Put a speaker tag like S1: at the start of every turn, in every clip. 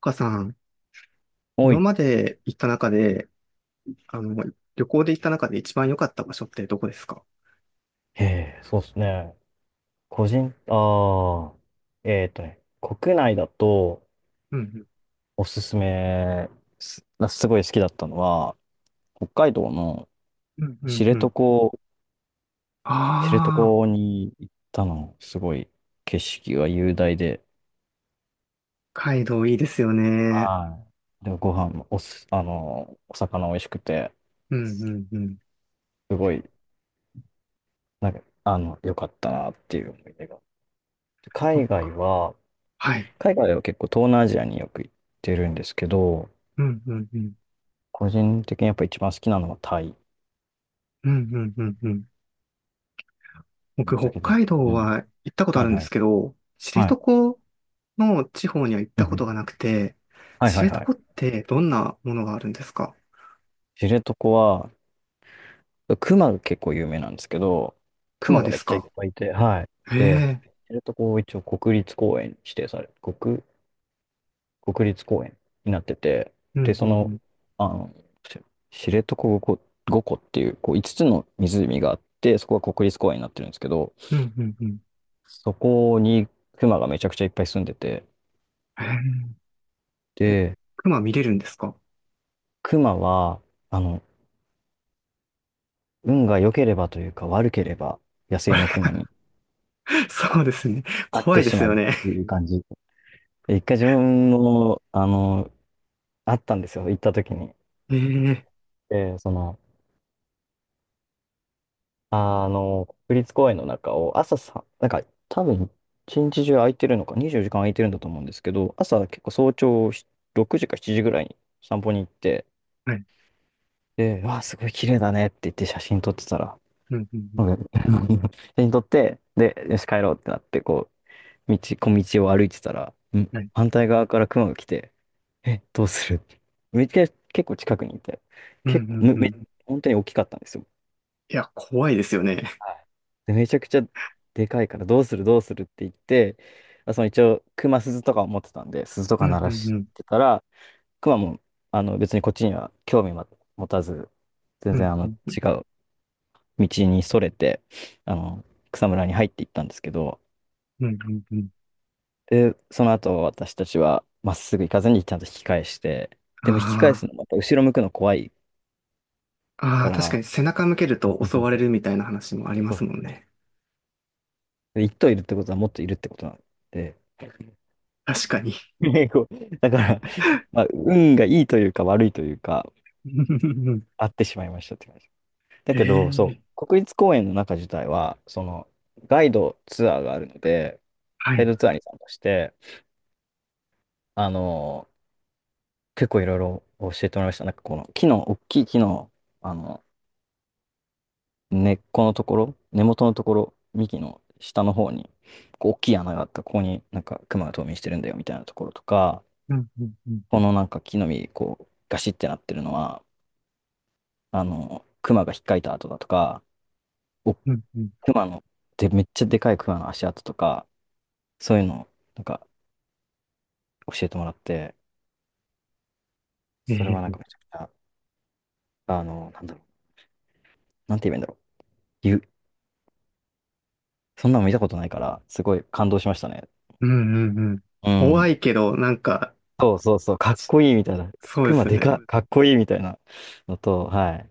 S1: 岡さん、
S2: お
S1: 今
S2: い。
S1: まで行った中で、あの、旅行で行った中で一番良かった場所ってどこですか？
S2: へえ、そうですね。個人、ああ、えっとね、国内だと
S1: うん
S2: おすすめす、すごい好きだったのは、北海道の
S1: うん。う
S2: 知
S1: んうんう
S2: 床、
S1: ん。
S2: 知
S1: あ
S2: 床
S1: あ、
S2: に行ったの、すごい景色が雄大で、
S1: 北海道いいですよね。
S2: はい。で、ご飯もおす、あの、お魚美味しくて、
S1: うんうんうん。
S2: すごい、なんか、良かったなっていう思い出が。
S1: そ
S2: 海
S1: っ
S2: 外
S1: か。
S2: は、
S1: はい。
S2: 海外は結構東南アジアによく行ってるんですけど、
S1: うんうんうん。
S2: 個人的にやっぱ一番好きなのはタイ
S1: うんうんうんうん。僕、
S2: だ
S1: 北
S2: けど。
S1: 海道
S2: うん。
S1: は行ったことあ
S2: はい
S1: るんで
S2: はい。
S1: すけど、知
S2: はい。
S1: 床の地方には行っ
S2: うん
S1: たこ
S2: う
S1: と
S2: ん。
S1: がなくて、
S2: はい
S1: 知
S2: はいはい。
S1: 床ってどんなものがあるんですか？
S2: 知床は、熊が結構有名なんですけど、熊
S1: 熊
S2: が
S1: で
S2: めっ
S1: す
S2: ちゃいっ
S1: か？
S2: ぱいいて、はい。
S1: へ
S2: で、
S1: え。
S2: 知床を一応国立公園に指定され、国、国立公園になってて、
S1: う
S2: で、
S1: んうんうん。
S2: あの、し知床5個、5個っていう、こう5つの湖があって、そこが国立公園になってるんですけど、
S1: うんうんうん。
S2: そこに熊がめちゃくちゃいっぱい住んでて、
S1: へえ。え、
S2: で、
S1: 熊見れるんですか？
S2: 熊は、あの、運が良ければというか悪ければ野
S1: あ
S2: 生
S1: れ
S2: のクマに
S1: そ
S2: あ
S1: うですね。
S2: 会っ
S1: 怖
S2: て
S1: いで
S2: し
S1: す
S2: ま
S1: よ
S2: うっ
S1: ね。
S2: ていう感じ。で一回自分の、あの、会ったんですよ、行った時に。
S1: ええ。
S2: で、国立公園の中を朝さ、なんか多分一日中空いてるのか、24時間空いてるんだと思うんですけど、朝結構早朝し6時か7時ぐらいに散歩に行って、
S1: はい。
S2: で、わあ、すごい綺麗だねって言って写真撮ってたら、
S1: うん、うん、うん。
S2: なんか 写真撮って、で、よし帰ろうってなって、小道を歩いてたら、
S1: はい。
S2: 反対側から熊が来て、え、どうするって。めっちゃ結構近くにいて、
S1: うん、う
S2: 結構、
S1: ん、
S2: め、
S1: う
S2: め、
S1: ん。
S2: 本当に大きかったんですよ。
S1: いや、怖いですよね。
S2: はい。で、めちゃくちゃでかいから、どうするどうするって言って、その一応、熊鈴とかを持ってたんで、鈴と
S1: う
S2: か
S1: ん、
S2: 鳴
S1: う
S2: ら
S1: ん、う
S2: し
S1: ん。
S2: てたら、熊も、別にこっちには興味は持たず、全
S1: う
S2: 然、
S1: ん、うん、
S2: 違う道にそれて、あの、草むらに入っていったんですけど、
S1: うん、うんうん。
S2: で、その後私たちはまっすぐ行かずにちゃんと引き返して、で
S1: あ
S2: も引き返すのまた後ろ向くの怖い
S1: あ。あ
S2: か
S1: あ、確か
S2: ら、
S1: に背中向けると
S2: そう
S1: 襲
S2: そう
S1: われ
S2: そう。
S1: るみたいな話もありま
S2: そう、
S1: すもんね。
S2: で一頭いるってことはもっといるってことなんで、
S1: 確かに。
S2: ねこうだから、まあ、運がいいというか悪いというか、
S1: うんうんうん。
S2: あってしまいましたって感じ。だけど、そ
S1: ええ。
S2: う、国立公園の中自体は、ガイドツアーがあるので、
S1: は
S2: ガイ
S1: い。
S2: ドツアーに参加して、あの、結構いろいろ教えてもらいました。なんかこの大きい木の、あの、根っこのところ、根元のところ、幹の下の方に、こう大きい穴があった、ここになんか熊が冬眠してるんだよみたいなところとか、
S1: うんうんうん
S2: このなんか木の実、こう、ガシってなってるのは、熊が引っかいた跡だとか、お、
S1: うんうん。
S2: 熊の、で、めっちゃでかい熊の足跡とか、そういうのを、なんか教えてもらって、それはなん
S1: ええ。
S2: かめちゃくちゃ、なんだろう、なんて言えばいいんだろう。ゆそんなの見たことないから、すごい感動しましたね。
S1: うんうんうん。
S2: う
S1: 怖
S2: ん。
S1: いけど、なんか、
S2: そうそうそう、かっ
S1: し
S2: こいいみたいな。
S1: そうで
S2: 熊
S1: すよ
S2: でかっ、
S1: ね。
S2: かっこいいみたいなのと、はい。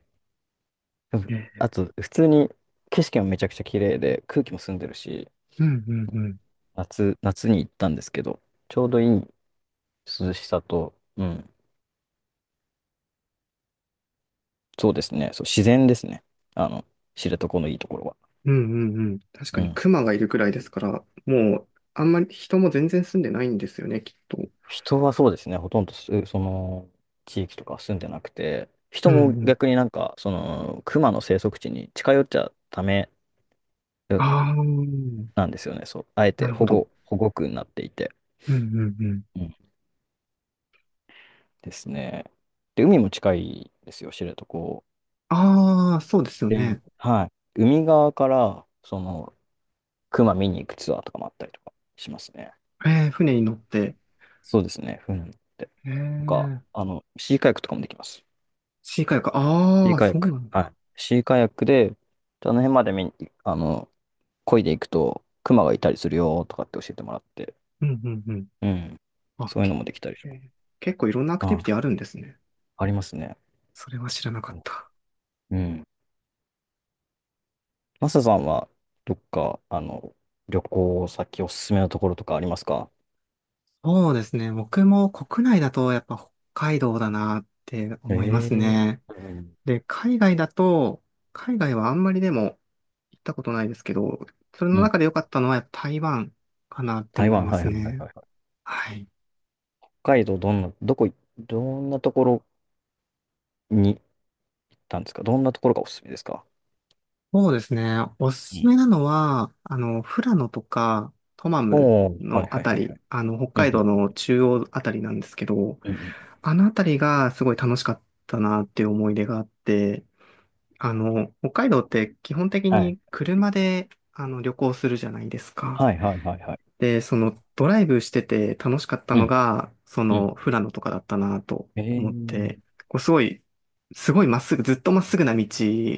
S1: え
S2: あ
S1: え。
S2: と、普通に景色もめちゃくちゃ綺麗で、空気も澄んでるし、
S1: うんうんうん
S2: 夏に行ったんですけど、ちょうどいい涼しさと、うん、そうですね、そう、自然ですね。あの、知床のいいところは。
S1: うんうんうん。確か
S2: う
S1: に
S2: ん。
S1: 熊がいるくらいですから、もう、あんまり人も全然住んでないんですよね、きっと。
S2: 人はそうですね、ほとんどす、その、地域とかは住んでなくて、
S1: う
S2: 人
S1: ん
S2: も
S1: うん。
S2: 逆になんか、その、熊の生息地に近寄っちゃダメ
S1: ああ、
S2: なんですよね。そう。あえ
S1: な
S2: て
S1: るほど。
S2: 保護区になっていて。
S1: うんうんうん。
S2: うんですね。で、海も近いですよ、知床。
S1: ああ、そうですよ
S2: で、
S1: ね。
S2: はい。海側から、その、熊見に行くツアーとかもあったりとかしますね。
S1: えー、船に乗って。
S2: そうですね、船に乗って。
S1: え
S2: なんか、
S1: ー、
S2: シーカヤックとかもできます。
S1: シーカヤック。
S2: シ
S1: あ
S2: ー
S1: あ、
S2: カヤ
S1: そ
S2: ッ
S1: う
S2: ク。
S1: なん
S2: は
S1: だ。
S2: い。シーカヤックで、あの辺まで見に、あの、漕いでいくと、熊がいたりするよとかって教えてもらって。
S1: うんうんうん。
S2: うん。
S1: あ、
S2: そういう
S1: け、
S2: のもできたり
S1: え
S2: します。
S1: ー結構いろんなアクティビ
S2: あ、
S1: ティあるんですね。
S2: ありますね。
S1: それは知らなかっ
S2: そ
S1: た。
S2: う。うん。マサさんは、どっか、あの、旅行先おすすめのところとかありますか？
S1: そうですね。僕も国内だとやっぱ北海道だなって
S2: え
S1: 思います
S2: え
S1: ね。
S2: ー、うん
S1: で、海外だと、海外はあんまりでも行ったことないですけど、それ
S2: う
S1: の
S2: ん。
S1: 中で良かったのはやっぱ台湾かなって
S2: 台
S1: 思い
S2: 湾、
S1: ま
S2: はい
S1: す
S2: はいはい
S1: ね。
S2: はいはい。
S1: はい。
S2: 北海道、どんなところに行ったんですか？どんなところがおすすめですか？
S1: そうですね。お
S2: う
S1: すす
S2: ん。
S1: めなのは、富良野とかトマム
S2: おー、はい
S1: のあ
S2: はい
S1: た
S2: はいは
S1: り、
S2: い。
S1: 北
S2: うん
S1: 海道の
S2: う
S1: 中央あたりなんですけど、
S2: んうんうん。
S1: あのあたりがすごい楽しかったなっていう思い出があって、北海道って基本的に車で旅行するじゃないですか。で、そのドライブしてて楽しかったのが、その富良野とかだったなと思って、こうすごい、すごいまっすぐ、ずっとまっすぐな道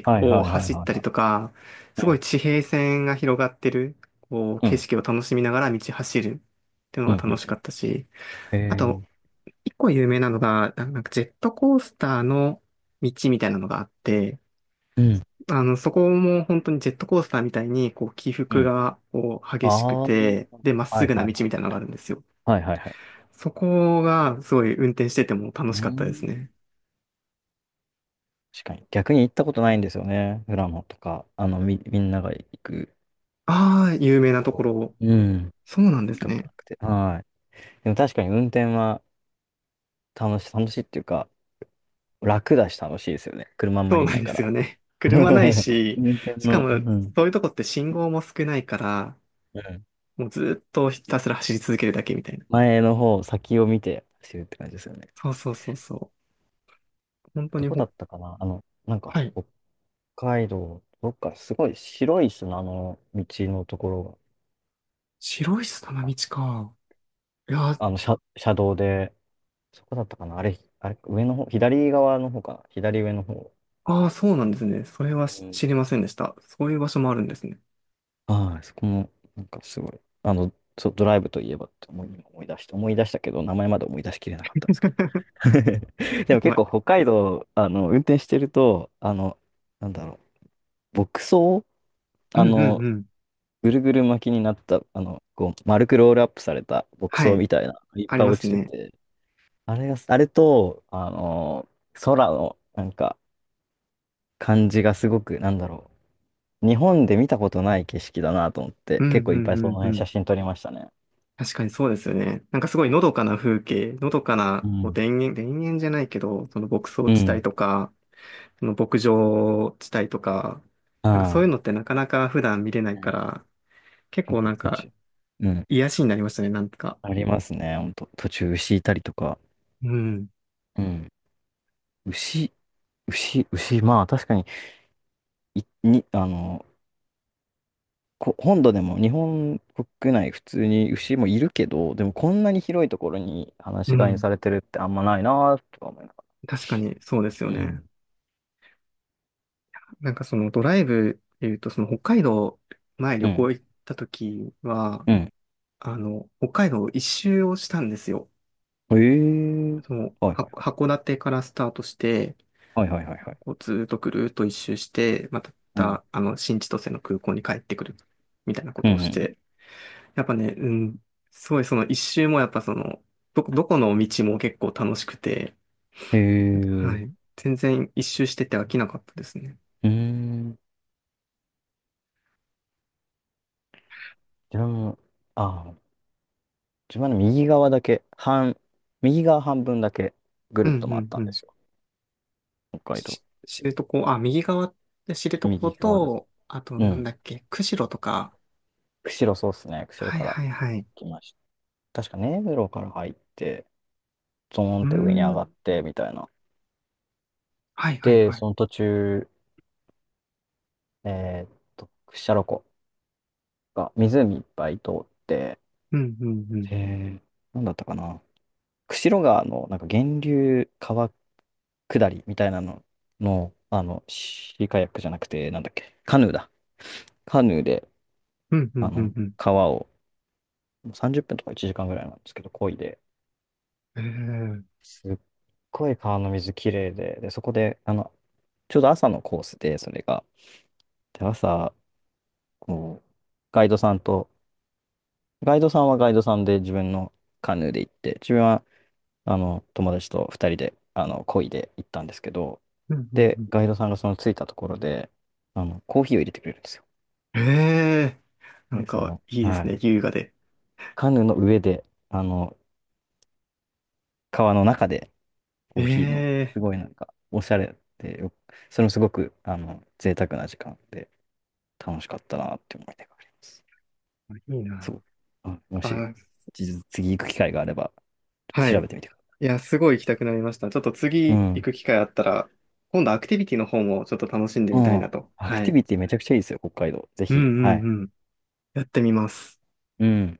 S2: はい
S1: を
S2: はいはい
S1: 走っ
S2: は
S1: たりとか、
S2: い
S1: す
S2: は
S1: ごい
S2: い。
S1: 地平線が広がってる、こう
S2: うん。う
S1: 景
S2: ん。
S1: 色を楽しみながら道走るっ
S2: ええー、はいはいはいはいはい、うんうんうん
S1: ていうのが
S2: う
S1: 楽し
S2: んう
S1: か
S2: ん。
S1: ったし、
S2: え
S1: あ
S2: えー。
S1: と、一個有名なのが、なんかジェットコースターの道みたいなのがあって、
S2: うん。
S1: そこも本当にジェットコースターみたいに、こう、起
S2: う
S1: 伏
S2: ん。
S1: が、こう、
S2: あ
S1: 激しく
S2: あ、はい
S1: て、で、まっ
S2: は
S1: す
S2: い
S1: ぐな
S2: は
S1: 道
S2: い。
S1: みたいなのがあるんですよ。
S2: はいはいはい。
S1: そこが、すごい運転してても楽
S2: うー
S1: しかったです
S2: ん。
S1: ね。
S2: 確かに。逆に行ったことないんですよね。富良野とか、みんなが行く
S1: ああ、有名
S2: と
S1: な
S2: こ
S1: とこ
S2: ろ。
S1: ろ。
S2: うん。行っ
S1: そうなんです
S2: たこと
S1: ね。
S2: なくて。はい。でも確かに運転は楽しいっていうか、楽だし楽しいですよね。車あんま
S1: そう
S2: りい
S1: なん
S2: ない
S1: で
S2: か
S1: す
S2: ら。
S1: よね。車ない し、
S2: 運転
S1: しか
S2: の、う
S1: も、
S2: ん。
S1: そういうとこって信号も少ないから、
S2: うん。
S1: もうずっとひたすら走り続けるだけみたいな。
S2: 前の方、先を見て走るって感じですよね。
S1: そうそうそうそう。本当
S2: ど
S1: に。
S2: こだったかな、なんか、
S1: はい。
S2: 北海道、どっかすごい白い砂の道のところ
S1: 白い砂の道
S2: が、
S1: か。いやー、
S2: 車道で、そこだったかな、あれ、あれ、上の方、左側の方かな、左上の方。
S1: ああ、そうなんですね。それは
S2: うん。
S1: 知りませんでした。そういう場所もあるんですね。
S2: はい、そこも、なんかすごい、あの、そう、ドライブといえばって今思い出して、思い出したけど、名前まで思い出しきれなかったんですけど。でも結
S1: ま、
S2: 構北海道、運転してると、なんだろ牧草、
S1: う
S2: あ
S1: んうん
S2: の、
S1: うん。
S2: ぐるぐる巻きになった、こう、丸くロールアップされた牧
S1: は
S2: 草
S1: い。
S2: みたいな、いっ
S1: あり
S2: ぱい
S1: ま
S2: 落
S1: す
S2: ちて
S1: ね。
S2: て、あれが、あれと、空の、なんか、感じがすごく、なんだろう、日本で見たことない景色だなと思っ
S1: う
S2: て、
S1: んう
S2: 結構いっぱ
S1: ん
S2: い
S1: う
S2: その
S1: んう
S2: 辺写
S1: ん。
S2: 真撮りましたね。
S1: 確かにそうですよね。なんかすごいのどかな風景、のどかな
S2: う
S1: こう
S2: ん。
S1: 田園、田園じゃないけど、その牧草
S2: う
S1: 地帯
S2: ん。
S1: とか、その牧場地帯とか、なんかそう
S2: は
S1: いうのってなかなか普段見れない
S2: い。
S1: か
S2: ね、
S1: ら、結
S2: 結
S1: 構な
S2: 構
S1: ん
S2: そっ
S1: か
S2: ち。うん。
S1: 癒しになりましたね、なんとか。
S2: ありますね、ほんと。途中牛いたりとか。
S1: うん。
S2: うん。牛、牛、まあ確かに、い、に、あの、こ、本土でも日本国内普通に牛もいるけど、でもこんなに広いところに放
S1: う
S2: し飼いに
S1: ん。
S2: されてるってあんまないなとか思いなが
S1: 確かにそうですよ
S2: ら。う
S1: ね。
S2: ん。
S1: なんかそのドライブっていうと、その北海道前
S2: う
S1: 旅
S2: ん。
S1: 行行った時は、
S2: うん。
S1: 北海道一周をしたんですよ。
S2: ええー、
S1: その、
S2: はいはいは
S1: 函館からスタートして、
S2: い。はいはいはいはい。
S1: こうずーっとぐるーっと一周して、ま
S2: うん。
S1: た、新千歳の空港に帰ってくるみたいなこ
S2: うん
S1: とを
S2: う
S1: して、
S2: ん。
S1: やっぱね、うん、すごいその一周もやっぱその、どこの道も結構楽しくて、
S2: へえ。
S1: はい。全然一周してて飽きなかったですね。
S2: うーん。自分も、ああ、自分の右側だけ、半、右側半分だけぐ
S1: う
S2: る
S1: ん
S2: っと回っ
S1: う
S2: た
S1: んう
S2: んで
S1: ん。
S2: すよ。北海道。
S1: 知床、あ、右側って知床
S2: 右側だけ。
S1: と、あと、
S2: う
S1: なん
S2: ん。
S1: だっけ、釧路とか。
S2: 釧路そうっすね。釧
S1: は
S2: 路
S1: い
S2: から
S1: はいはい。
S2: 来ました。確か根室から入って、ゾーン
S1: う
S2: っ
S1: ー
S2: て上に上
S1: ん。
S2: がって、みたいな。
S1: はいはい
S2: で、
S1: はい。
S2: その途中、屈斜路湖が湖いっぱい通って、
S1: うんうんうん。
S2: えー、なんだったかな。釧路川のなんか源流川下りみたいなのの、シーカヤックじゃなくて、なんだっけ、カヌーだ。カヌーで、
S1: うんう
S2: あ
S1: んう
S2: の、
S1: んうん。
S2: 川を30分とか1時間ぐらいなんですけど、漕いで、
S1: ええー。
S2: すっごい川の水きれいで、で、そこで、ちょうど朝のコースで、それが。で、朝、こう、ガイドさんと、ガイドさんはガイドさんで自分のカヌーで行って、自分は、友達と2人で、漕いで行ったんですけど、
S1: うんうん
S2: で、
S1: うん。
S2: ガイドさんがその着いたところで、コーヒーを入れてくれるんですよ。
S1: ええー。なん
S2: で、そ
S1: か、
S2: の、
S1: いいで
S2: は
S1: すね、
S2: い。
S1: 優雅で。
S2: カヌーの上で、川の中でコーヒーの、
S1: ええ
S2: すごいなんか、おしゃれでよ、それもすごく、贅沢な時間で、楽しかったなって思い出があります。
S1: ー。いいな。
S2: そう。あ、もし、
S1: あ、
S2: 次行く機会があれば、
S1: は
S2: 調
S1: い。
S2: べてみてくださ
S1: いや、すごい行きたくなりました。ちょっと
S2: い。う
S1: 次行
S2: ん。
S1: く機会あったら、今度アクティビティの方もちょっと楽しんで
S2: う
S1: みたいな
S2: ん。
S1: と。
S2: アク
S1: は
S2: ティ
S1: い。
S2: ビティめちゃくちゃいいですよ、北海道。ぜ
S1: うん
S2: ひ。は
S1: う
S2: い。
S1: んうん。やってみます。
S2: うん。